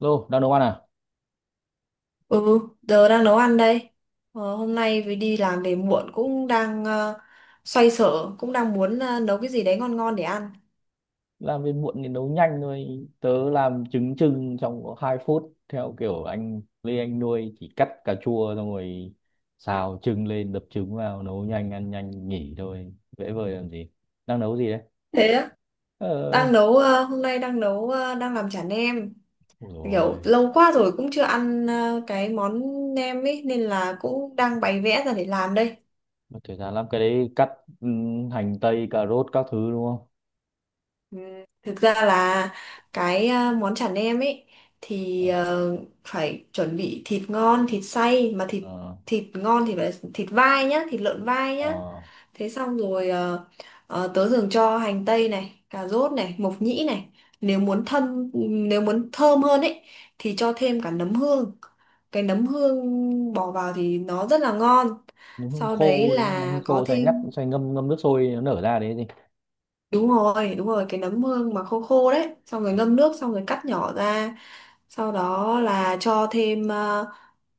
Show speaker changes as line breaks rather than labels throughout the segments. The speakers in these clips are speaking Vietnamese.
Lô, đang nấu ăn à?
Ừ, giờ đang nấu ăn đây. Hôm nay vì đi làm về muộn cũng đang xoay sở, cũng đang muốn nấu cái gì đấy ngon ngon để ăn.
Làm việc muộn thì nấu nhanh thôi. Tớ làm trứng trưng trong có 2 phút theo kiểu anh Lê anh nuôi chỉ cắt cà chua xong rồi xào trứng lên đập trứng vào nấu nhanh ăn nhanh nghỉ thôi. Dễ vời làm gì? Đang nấu gì đấy?
Thế á,
Ờ,
hôm nay đang làm chả nem.
ôi
Kiểu
rồi.
lâu quá rồi cũng chưa ăn cái món nem ấy nên là cũng đang bày vẽ ra để làm đây.
Mất thời gian lắm cái đấy cắt hành tây, cà rốt các thứ đúng không?
Thực ra là cái món chả nem ấy thì
Ờ,
phải chuẩn bị thịt ngon, thịt xay mà thịt
ờ,
thịt ngon thì phải thịt vai nhá, thịt lợn vai nhá.
ờ.
Thế xong rồi tớ thường cho hành tây này, cà rốt này, mộc nhĩ này. Nếu muốn thơm nếu muốn thơm hơn ấy thì cho thêm cả nấm hương. Cái nấm hương bỏ vào thì nó rất là ngon.
Nấm hương
Sau đấy
khô đấy, nấm hương
là có
khô xay ngắt,
thêm
xay ngâm ngâm nước sôi nó nở ra đấy gì?
Đúng rồi, đúng rồi, cái nấm hương mà khô khô đấy, xong rồi
Ờ.
ngâm nước xong rồi cắt nhỏ ra. Sau đó là cho thêm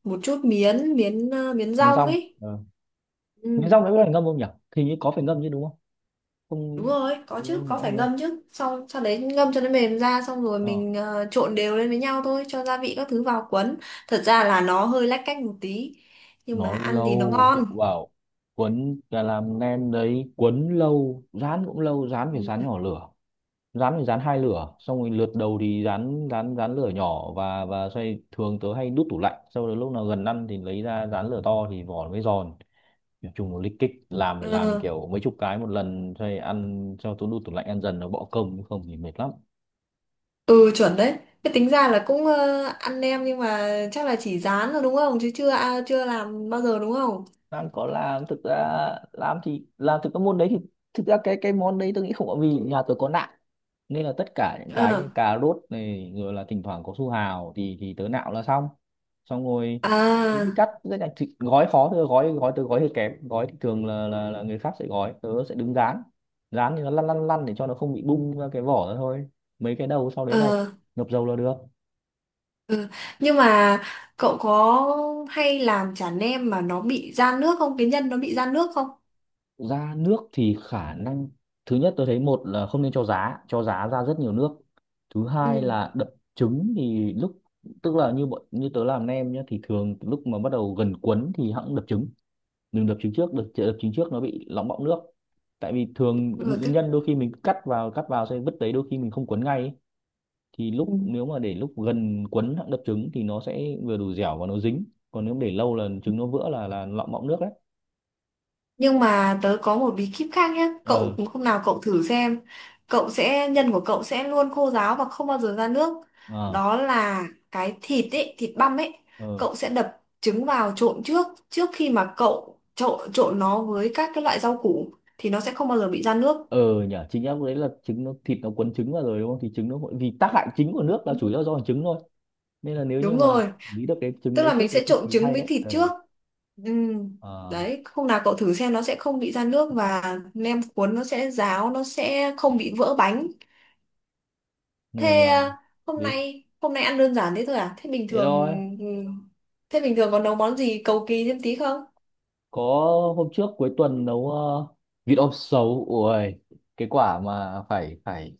một chút miến miến ờ, miến
Miến
rong
rong.
ấy.
Ờ.
Ừ.
Miến rong đấy có phải ngâm không nhỉ? Thì như có phải ngâm chứ đúng không?
Đúng
Không
rồi, có chứ,
lâu nữa
có phải
rồi không.
ngâm chứ. Sau sau đấy ngâm cho nó mềm ra xong rồi
Ờ,
mình trộn đều lên với nhau thôi, cho gia vị các thứ vào cuốn. Thật ra là nó hơi lách cách một tí nhưng mà
nó
ăn thì nó
lâu cậu
ngon.
bảo quấn là làm nem đấy, quấn lâu, rán cũng lâu, rán
Ừ.
phải rán nhỏ lửa. Rán phải rán hai lửa, xong rồi lượt đầu thì rán rán rán lửa nhỏ và xoay, thường tớ hay đút tủ lạnh, sau đó lúc nào gần ăn thì lấy ra rán lửa to thì vỏ nó mới giòn. Nói chung là lích kích, làm phải làm
Ừ,
kiểu mấy chục cái một lần xoay ăn, cho tớ đút tủ lạnh ăn dần nó bỏ công, không thì mệt lắm.
ừ chuẩn đấy, cái tính ra là cũng ăn nem nhưng mà chắc là chỉ rán rồi đúng không, chứ chưa làm bao giờ đúng không?
Lan có làm thực ra, làm thì làm thực cái môn đấy thì thực ra cái món đấy tôi nghĩ không có, vì nhà tôi có nạm nên là tất cả những cái
Ờ.
như cà rốt này rồi là thỉnh thoảng có su hào thì tớ nạo là xong. Xong rồi đến đi
À.
cắt rất là thịt, gói khó thôi, gói gói tớ gói hơi kém, gói thì thường là người khác sẽ gói, tớ sẽ đứng dán. Dán thì nó lăn lăn lăn để cho nó không bị bung ra cái vỏ ra thôi, mấy cái đầu sau đấy là
Ờ.
ngập dầu là được.
Ừ. Nhưng mà cậu có hay làm chả nem mà nó bị ra nước không? Cái nhân nó bị ra nước không?
Ra nước thì khả năng thứ nhất tôi thấy, một là không nên cho giá, cho giá ra rất nhiều nước. Thứ hai
Ừ.
là đập trứng thì lúc, tức là như bọn như tớ làm nem nhá thì thường lúc mà bắt đầu gần cuốn thì hẵng đập trứng, đừng đập trứng trước, đập trứng trước nó bị lỏng bọng nước, tại vì thường
Ừ,
nguyên nhân đôi khi mình cứ cắt vào xong vứt đấy, đôi khi mình không cuốn ngay ấy. Thì
ừ.
lúc nếu mà để lúc gần cuốn hẵng đập trứng thì nó sẽ vừa đủ dẻo và nó dính, còn nếu để lâu là trứng nó vỡ là lỏng bọng nước đấy.
Nhưng mà tớ có một bí kíp khác nhé. Cậu
Ờ.
hôm nào cậu thử xem. Cậu sẽ nhân của cậu sẽ luôn khô ráo và không bao giờ ra nước.
Ờ.
Đó là cái thịt ấy, thịt băm ấy.
Ờ.
Cậu sẽ đập trứng vào trộn trước, trước khi mà cậu trộn trộn nó với các cái loại rau củ thì nó sẽ không bao giờ bị ra nước.
Ờ nhở, chính em đấy, là trứng nó thịt nó quấn trứng vào rồi đúng không, thì trứng nó hội- vì tác hại chính của nước là chủ yếu do trứng thôi, nên là nếu như
Đúng
mà
rồi.
nghĩ được cái trứng
Tức
đấy
là
trước
mình
với
sẽ
thịt
trộn
thì
trứng
hay
với
đấy.
thịt
Ờ.
trước. Ừm,
Ờ.
đấy hôm nào cậu thử xem nó sẽ không bị ra nước và nem cuốn nó sẽ ráo, nó sẽ không bị vỡ bánh. Thế
Nhưng làm
à, hôm
gì
nay hôm nay ăn đơn giản thế thôi à? Thế bình
thế
thường,
thôi.
ừ, thế bình thường còn nấu món gì cầu kỳ thêm tí không?
Có, hôm trước cuối tuần nấu vịt om sấu, ui cái quả mà phải phải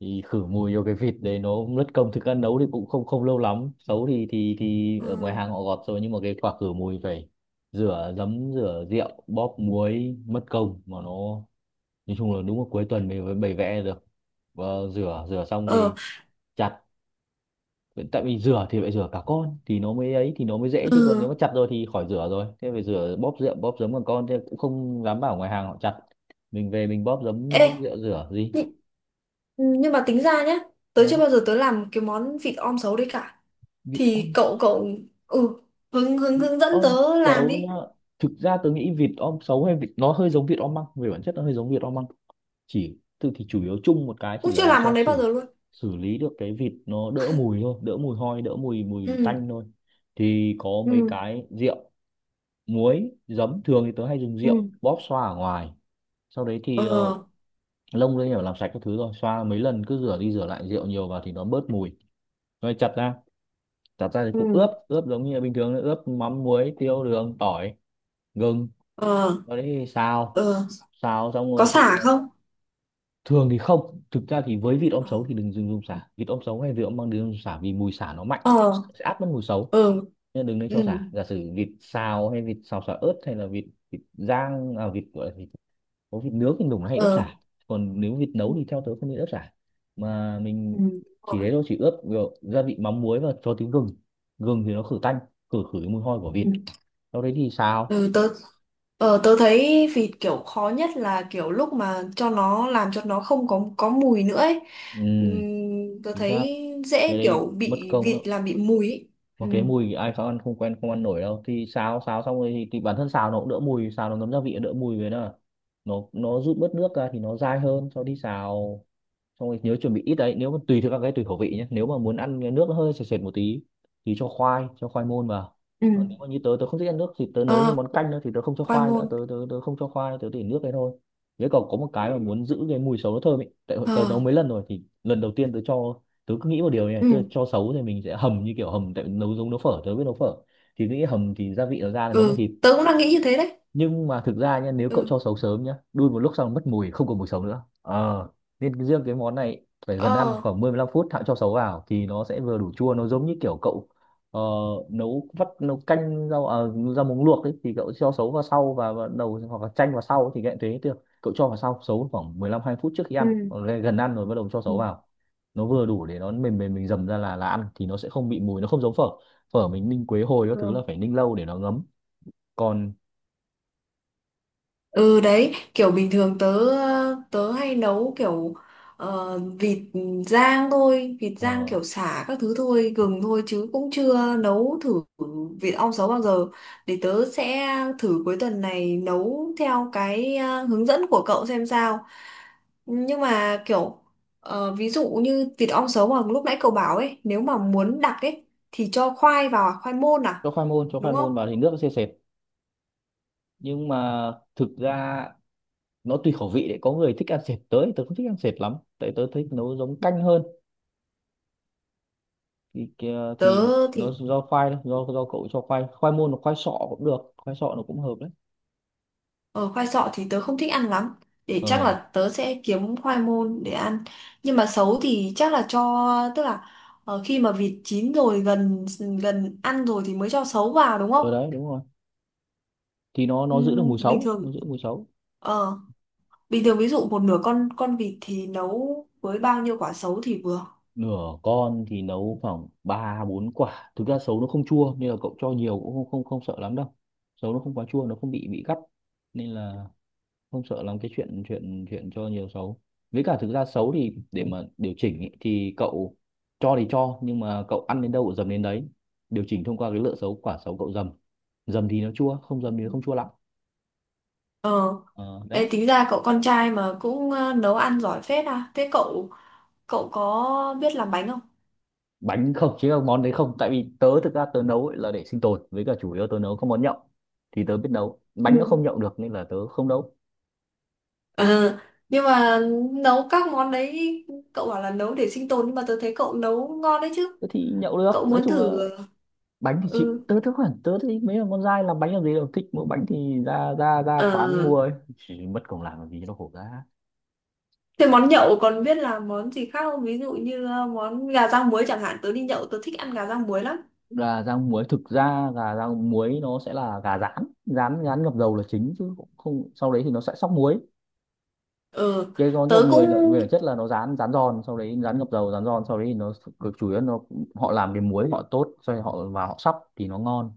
thì khử mùi vô cái vịt đấy nó cũng mất công, thực ra nấu thì cũng không không lâu lắm, sấu thì thì
Ờ.
ở ngoài hàng họ gọt rồi, nhưng mà cái quả khử mùi phải rửa giấm rửa rượu bóp muối mất công mà nó, nói chung là đúng là cuối tuần mình mới bày vẽ được. Và rửa rửa xong
Ờ.
thì chặt. Vậy tại vì rửa thì phải rửa cả con thì nó mới ấy thì nó mới dễ, chứ còn nếu mà
Ừ.
chặt rồi thì khỏi rửa rồi, thế phải rửa bóp rượu bóp giấm bằng con, thế cũng không dám bảo ngoài hàng họ chặt, mình về mình bóp giấm bóp
Ê,
rượu rửa gì.
nhưng, nhưng mà tính ra nhá, tớ chưa
Đó.
bao giờ tớ làm cái món vịt om sấu đấy cả.
Vịt
Thì
om,
cậu cậu, ừ, hướng hướng
vịt
hướng dẫn
om
tớ làm
xấu nhá.
đi.
Thực ra tôi nghĩ vịt om xấu hay vịt nó hơi giống vịt om măng, về bản chất nó hơi giống vịt om măng, chỉ tự thì chủ yếu chung một cái
Cũng
chỉ là
chưa
làm
làm
sao
món đấy bao
xử,
giờ luôn.
xử lý được cái vịt nó đỡ mùi thôi, đỡ mùi hôi, đỡ mùi mùi
Ừ.
tanh thôi. Thì có mấy
Ừ.
cái rượu muối giấm, thường thì tớ hay dùng rượu
Ừ.
bóp xoa ở ngoài, sau đấy thì
Ờ.
lông lên nhỏ làm sạch các thứ rồi xoa mấy lần, cứ rửa đi rửa lại rượu nhiều vào thì nó bớt mùi, rồi chặt ra. Chặt ra thì
Ừ.
cũng ướp, ướp giống như là bình thường ướp mắm muối tiêu đường tỏi gừng,
Ờ.
sau đấy thì xào.
Ờ.
Xào xong
Có
rồi thì
xả không?
thường thì không, thực ra thì với vịt om
Ờ.
sấu thì đừng dùng dùng sả, vịt om sấu hay vịt om bằng đừng dùng sả vì mùi sả nó mạnh
Ờ.
sẽ át mất mùi sấu,
Ừ.
nên đừng nên
Ừ.
cho sả. Giả sử vịt xào hay vịt xào sả ớt hay là vịt, vịt rang à, vịt gọi là vịt, có vịt nướng thì mình hay ướp
Ờ.
chả, còn nếu vịt
Ừ.
nấu thì theo tớ không nên ướp chả, mà
Ừ.
mình chỉ
Rồi.
thế thôi, chỉ ướp kiểu gia vị mắm muối và cho tí gừng. Gừng thì nó khử tanh, khử khử cái mùi hôi của vịt,
Ừ.
sau đấy thì xào.
Ừ, tớ thấy vịt kiểu khó nhất là kiểu lúc mà cho nó làm cho nó không có mùi nữa ấy.
Ừ
Tớ
chính xác,
thấy
cái
dễ
đấy
kiểu
mất
bị
công lắm,
vịt làm bị mùi ấy.
mà
Ừ.
cái mùi thì ai khó ăn không quen không ăn nổi đâu. Thì xào xào xong rồi thì bản thân xào nó cũng đỡ mùi, xào nó ngấm gia vị đỡ mùi với nó, nó rút bớt nước ra thì nó dai hơn sau đi xào. Xong rồi nhớ chuẩn bị ít đấy, nếu mà tùy theo các cái tùy khẩu vị nhé, nếu mà muốn ăn cái nước nó hơi sệt sệt một tí thì cho khoai, cho khoai môn vào.
Ừ.
Còn nếu mà như tớ, tớ không thích ăn nước thì tớ
Ờ.
nấu như món canh nữa, thì tớ không cho
Khoai
khoai nữa,
môn.
tớ tớ tớ không cho khoai, tớ để nước đấy thôi. Thế còn có một cái mà Ừ. muốn giữ cái mùi sấu nó thơm ấy, tại tớ nấu
Ờ.
mấy lần rồi thì lần đầu tiên tớ cho, tớ cứ nghĩ một điều như này, tức là
Ừ.
cho sấu thì mình sẽ hầm như kiểu hầm, tại nấu giống nấu phở, tớ biết nấu phở thì cứ nghĩ hầm thì gia vị nó ra là nấu bằng
Ừ.
thịt.
Tớ cũng đang nghĩ như thế đấy.
Nhưng mà thực ra nha, nếu cậu
Ừ.
cho sấu sớm nhá đun một lúc xong mất mùi không còn mùi sấu nữa. Ờ, nên cái- riêng cái món này phải gần ăn
Ờ.
khoảng 15 phút hãng cho sấu vào thì nó sẽ vừa đủ chua, nó giống như kiểu cậu ờ, nấu vắt, nấu canh rau à, rau muống luộc ấy thì cậu cho sấu vào sau và đầu hoặc là chanh vào sau thì cũng thế được. Cậu cho vào sau sấu khoảng 15 2 phút trước khi ăn,
Ừ.
còn gần gần ăn rồi bắt đầu cho
Ừ.
sấu vào nó vừa đủ để nó mềm mềm, mình dầm ra là ăn thì nó sẽ không bị mùi, nó không giống phở. Phở mình ninh quế hồi các thứ
Ờ.
là phải ninh lâu để nó ngấm, còn
Ừ đấy, kiểu bình thường tớ tớ hay nấu kiểu vịt rang thôi, vịt rang
ờ,
kiểu sả các thứ thôi, gừng thôi chứ cũng chưa nấu thử vịt ong sấu bao giờ. Để tớ sẽ thử cuối tuần này nấu theo cái hướng dẫn của cậu xem sao. Nhưng mà kiểu ví dụ như vịt ong sấu mà lúc nãy cậu bảo ấy, nếu mà muốn đặc ấy thì cho khoai vào, à? Khoai môn à,
cho khoai môn, cho
đúng
khoai
không?
môn vào thì nước nó sẽ sệt. Nhưng mà thực ra nó tùy khẩu vị đấy, có người thích ăn sệt, tới tớ không thích ăn sệt lắm tại tớ thích nấu giống
Ừ.
canh hơn. Thì kìa-
Tớ
thì nó
thì
do khoai thôi, do do cậu cho khoai, khoai môn hoặc khoai sọ cũng được, khoai sọ nó cũng hợp đấy.
Ờ, khoai sọ thì tớ không thích ăn lắm, để chắc
Ờ,
là tớ sẽ kiếm khoai môn để ăn. Nhưng mà sấu thì chắc là tức là khi mà vịt chín rồi, gần gần ăn rồi thì mới cho sấu vào đúng không?
ở đấy đúng rồi, thì nó giữ được
Ừm,
mùi
bình
sấu, nó
thường
giữ mùi sấu.
ờ, bình thường ví dụ một nửa con vịt thì nấu với bao nhiêu quả sấu thì vừa?
Nửa con thì nấu khoảng 3 4 quả, thực ra sấu nó không chua nên là cậu cho nhiều cũng không không không sợ lắm đâu, sấu nó không quá chua, nó không bị bị gắt, nên là không sợ làm cái chuyện chuyện chuyện cho nhiều xấu. Với cả thực ra xấu thì để mà điều chỉnh ý, thì cậu cho thì cho, nhưng mà cậu ăn đến đâu cậu dầm đến đấy, điều chỉnh thông qua cái lựa xấu, quả xấu cậu dầm, dầm thì nó chua, không dầm thì nó không chua lắm.
Ờ.
Ờ, đấy.
Ê, tính ra cậu con trai mà cũng nấu ăn giỏi phết à, thế cậu cậu có biết làm bánh không?
Bánh không chứ không, món đấy không, tại vì tớ thực ra tớ nấu ấy là để sinh tồn, với cả chủ yếu tớ nấu các món nhậu, thì tớ biết nấu bánh nó không nhậu được nên là tớ không nấu.
Ờ, nhưng mà nấu các món đấy cậu bảo là nấu để sinh tồn nhưng mà tôi thấy cậu nấu ngon đấy chứ.
Tớ thì nhậu được,
Cậu
nói
muốn
chung
thử.
là bánh thì chịu,
Ừ.
tớ tớ khoảng tớ thấy mấy con dai làm bánh làm gì đâu, thích mua bánh thì ra ra ra
Ờ,
quán mua ấy, chỉ mất công làm gì cho nó khổ ra.
thế món nhậu còn biết làm món gì khác không, ví dụ như món gà rang muối chẳng hạn, tớ đi nhậu tớ thích ăn gà rang muối lắm.
Gà rang muối, thực ra gà rang muối nó sẽ là gà rán, rán rán ngập dầu là chính chứ cũng không, sau đấy thì nó sẽ sóc muối.
Ờ.
Cái con ngập
tớ
muối
cũng
là về bản chất là nó rán rán giòn, sau đấy rán ngập dầu rán giòn sau đấy thì nó cực chủ yếu nó họ làm cái muối họ tốt, sau đấy họ và họ sóc thì nó ngon.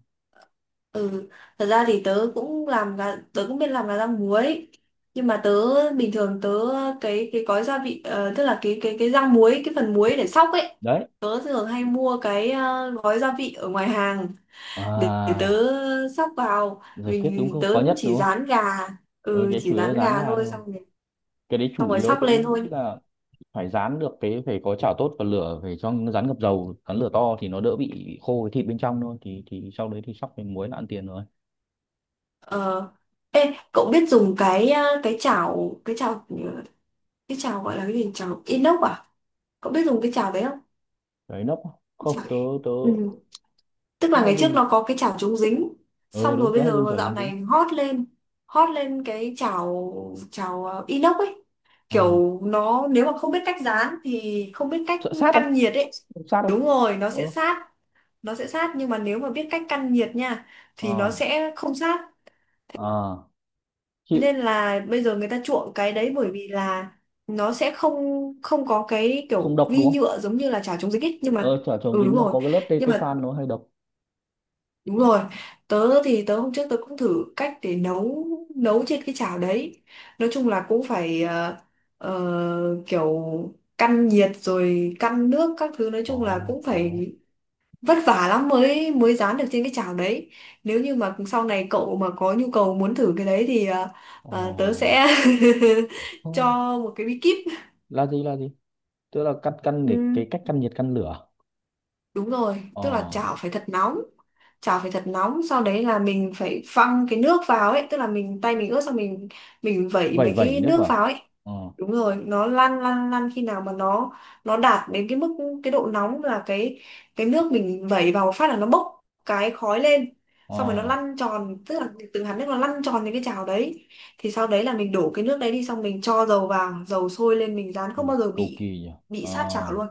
Ừ, thật ra thì tớ cũng làm gà, tớ cũng biết làm gà rang muối, nhưng mà bình thường tớ cái gói gia vị tức là cái rang muối, cái phần muối để sóc ấy,
Đấy
tớ thường hay mua cái gói gia vị ở ngoài hàng để, tớ
à,
sóc vào.
giải quyết đúng
Mình
không,
tớ
khó
cũng
nhất
chỉ
đúng không.
rán gà,
Ừ,
ừ
cái
chỉ
chủ yếu
rán
rán
gà
gà thôi
thôi,
mà, cái đấy
xong
chủ
rồi
yếu
sóc
tôi
lên
nghĩ
thôi.
là phải rán được, cái phải có chảo tốt và lửa phải cho nó rán ngập dầu rán lửa to thì nó đỡ bị khô cái thịt bên trong thôi, thì sau đấy thì sóc với muối là ăn tiền rồi.
Ờ. Ê, cậu biết dùng cái chảo gọi là cái gì, chảo inox à, cậu biết dùng cái chảo đấy không?
Đấy nấp à?
Chả-
Không tớ, tớ
Ừ. Tức là
hay
ngày trước
dùng.
nó có cái chảo chống dính,
Ừ
xong rồi
đúng tớ
bây
hay dùng
giờ
chảo
dạo
chống dính.
này hot lên, hot lên cái chảo chảo inox ấy,
Ờ,
kiểu nó nếu mà không biết cách dán thì không biết cách
sợ sát không.
căn nhiệt ấy,
Không sát đâu.
đúng rồi nó
Ờ.
sẽ sát, nó sẽ sát, nhưng mà nếu mà biết cách căn nhiệt nha thì nó
Ờ.
sẽ không sát.
Ờ
Thế
chịu.
nên là bây giờ người ta chuộng cái đấy bởi vì là nó sẽ không không có cái
Không
kiểu
độc
vi
đúng không,
nhựa giống như là chảo chống dính ấy, nhưng
ờ
mà
chảo chống
ừ
dính
đúng
nó
rồi,
có cái lớp tê
nhưng
tê
mà
phan nó hay độc.
đúng rồi, tớ thì tớ hôm trước tớ cũng thử cách để nấu nấu trên cái chảo đấy. Nói chung là cũng phải kiểu căn nhiệt rồi căn nước các thứ, nói chung là
Có
cũng
có.
phải vất vả lắm mới mới rán được trên cái chảo đấy. Nếu như mà sau này cậu mà có nhu cầu muốn thử cái đấy thì tớ
Ờ.
sẽ
Ờ,
cho một cái bí kíp.
là gì là gì, tức là căn căn để
Ừ,
cái cách căn nhiệt căn lửa.
đúng rồi,
Ờ,
tức là chảo phải thật nóng. Chảo phải thật nóng, sau đấy là mình phải văng cái nước vào ấy, tức là mình tay mình ướt xong mình vẩy
vẩy
mấy
vẩy
cái
nước
nước
vào.
vào ấy.
Ờ.
Đúng rồi, nó lăn lăn lăn khi nào mà nó đạt đến cái mức, cái độ nóng là cái nước mình vẩy vào một phát là nó bốc cái khói lên.
Ờ.
Xong rồi nó lăn tròn, tức là từng hạt nước nó lăn tròn đến cái chảo đấy. Thì sau đấy là mình đổ cái nước đấy đi, xong mình cho dầu vào, dầu sôi lên mình rán
Ừ,
không bao giờ
cầu kỳ
bị
nhỉ. Ờ,
sát chảo luôn.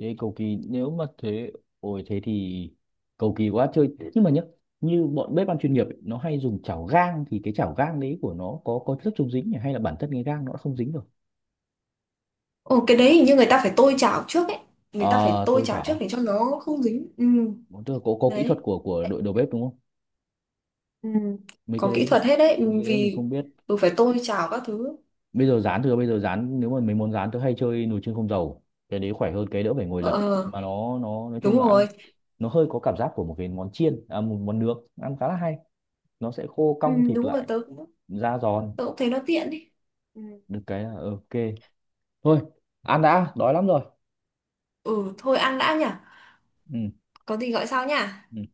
thế cầu kỳ nếu mà thế, ôi thế thì cầu kỳ quá chơi. Nhưng mà nhá, như bọn bếp ăn chuyên nghiệp ấy, nó hay dùng chảo gang, thì cái chảo gang đấy của nó có chất chống dính nhỉ? Hay là bản thân cái gang nó đã không dính rồi.
Ồ, cái đấy hình như người ta phải tôi chảo trước ấy. Người ta phải
Ờ,
tôi
tôi
chảo trước
chảo.
để cho nó không dính. Ừ,
Bọn tôi có kỹ thuật
đấy.
của đội đầu bếp đúng không,
Ừ.
mấy
Có
cái
kỹ
đấy,
thuật hết đấy. Ừ,
mấy cái đấy mình
vì
không biết.
tôi phải tôi chảo các thứ.
Bây giờ rán thừa, bây giờ rán nếu mà mấy món rán tôi hay chơi nồi chiên không dầu, cái đấy khỏe hơn, cái đỡ phải ngồi
Ờ,
lật
ờ,
mà nó nói chung
đúng
là ăn
rồi.
nó hơi có cảm giác của một cái món chiên à, một món nướng, ăn khá là hay, nó sẽ khô
Ừ,
cong thịt
đúng rồi,
lại,
tớ cũng,
da giòn.
tớ cũng thấy nó tiện đi. Ừ,
Được cái là ok, thôi ăn đã đói lắm rồi.
ừ, thôi ăn đã nhỉ.
Ừ.
Có gì gọi sau nhỉ?
Ừ.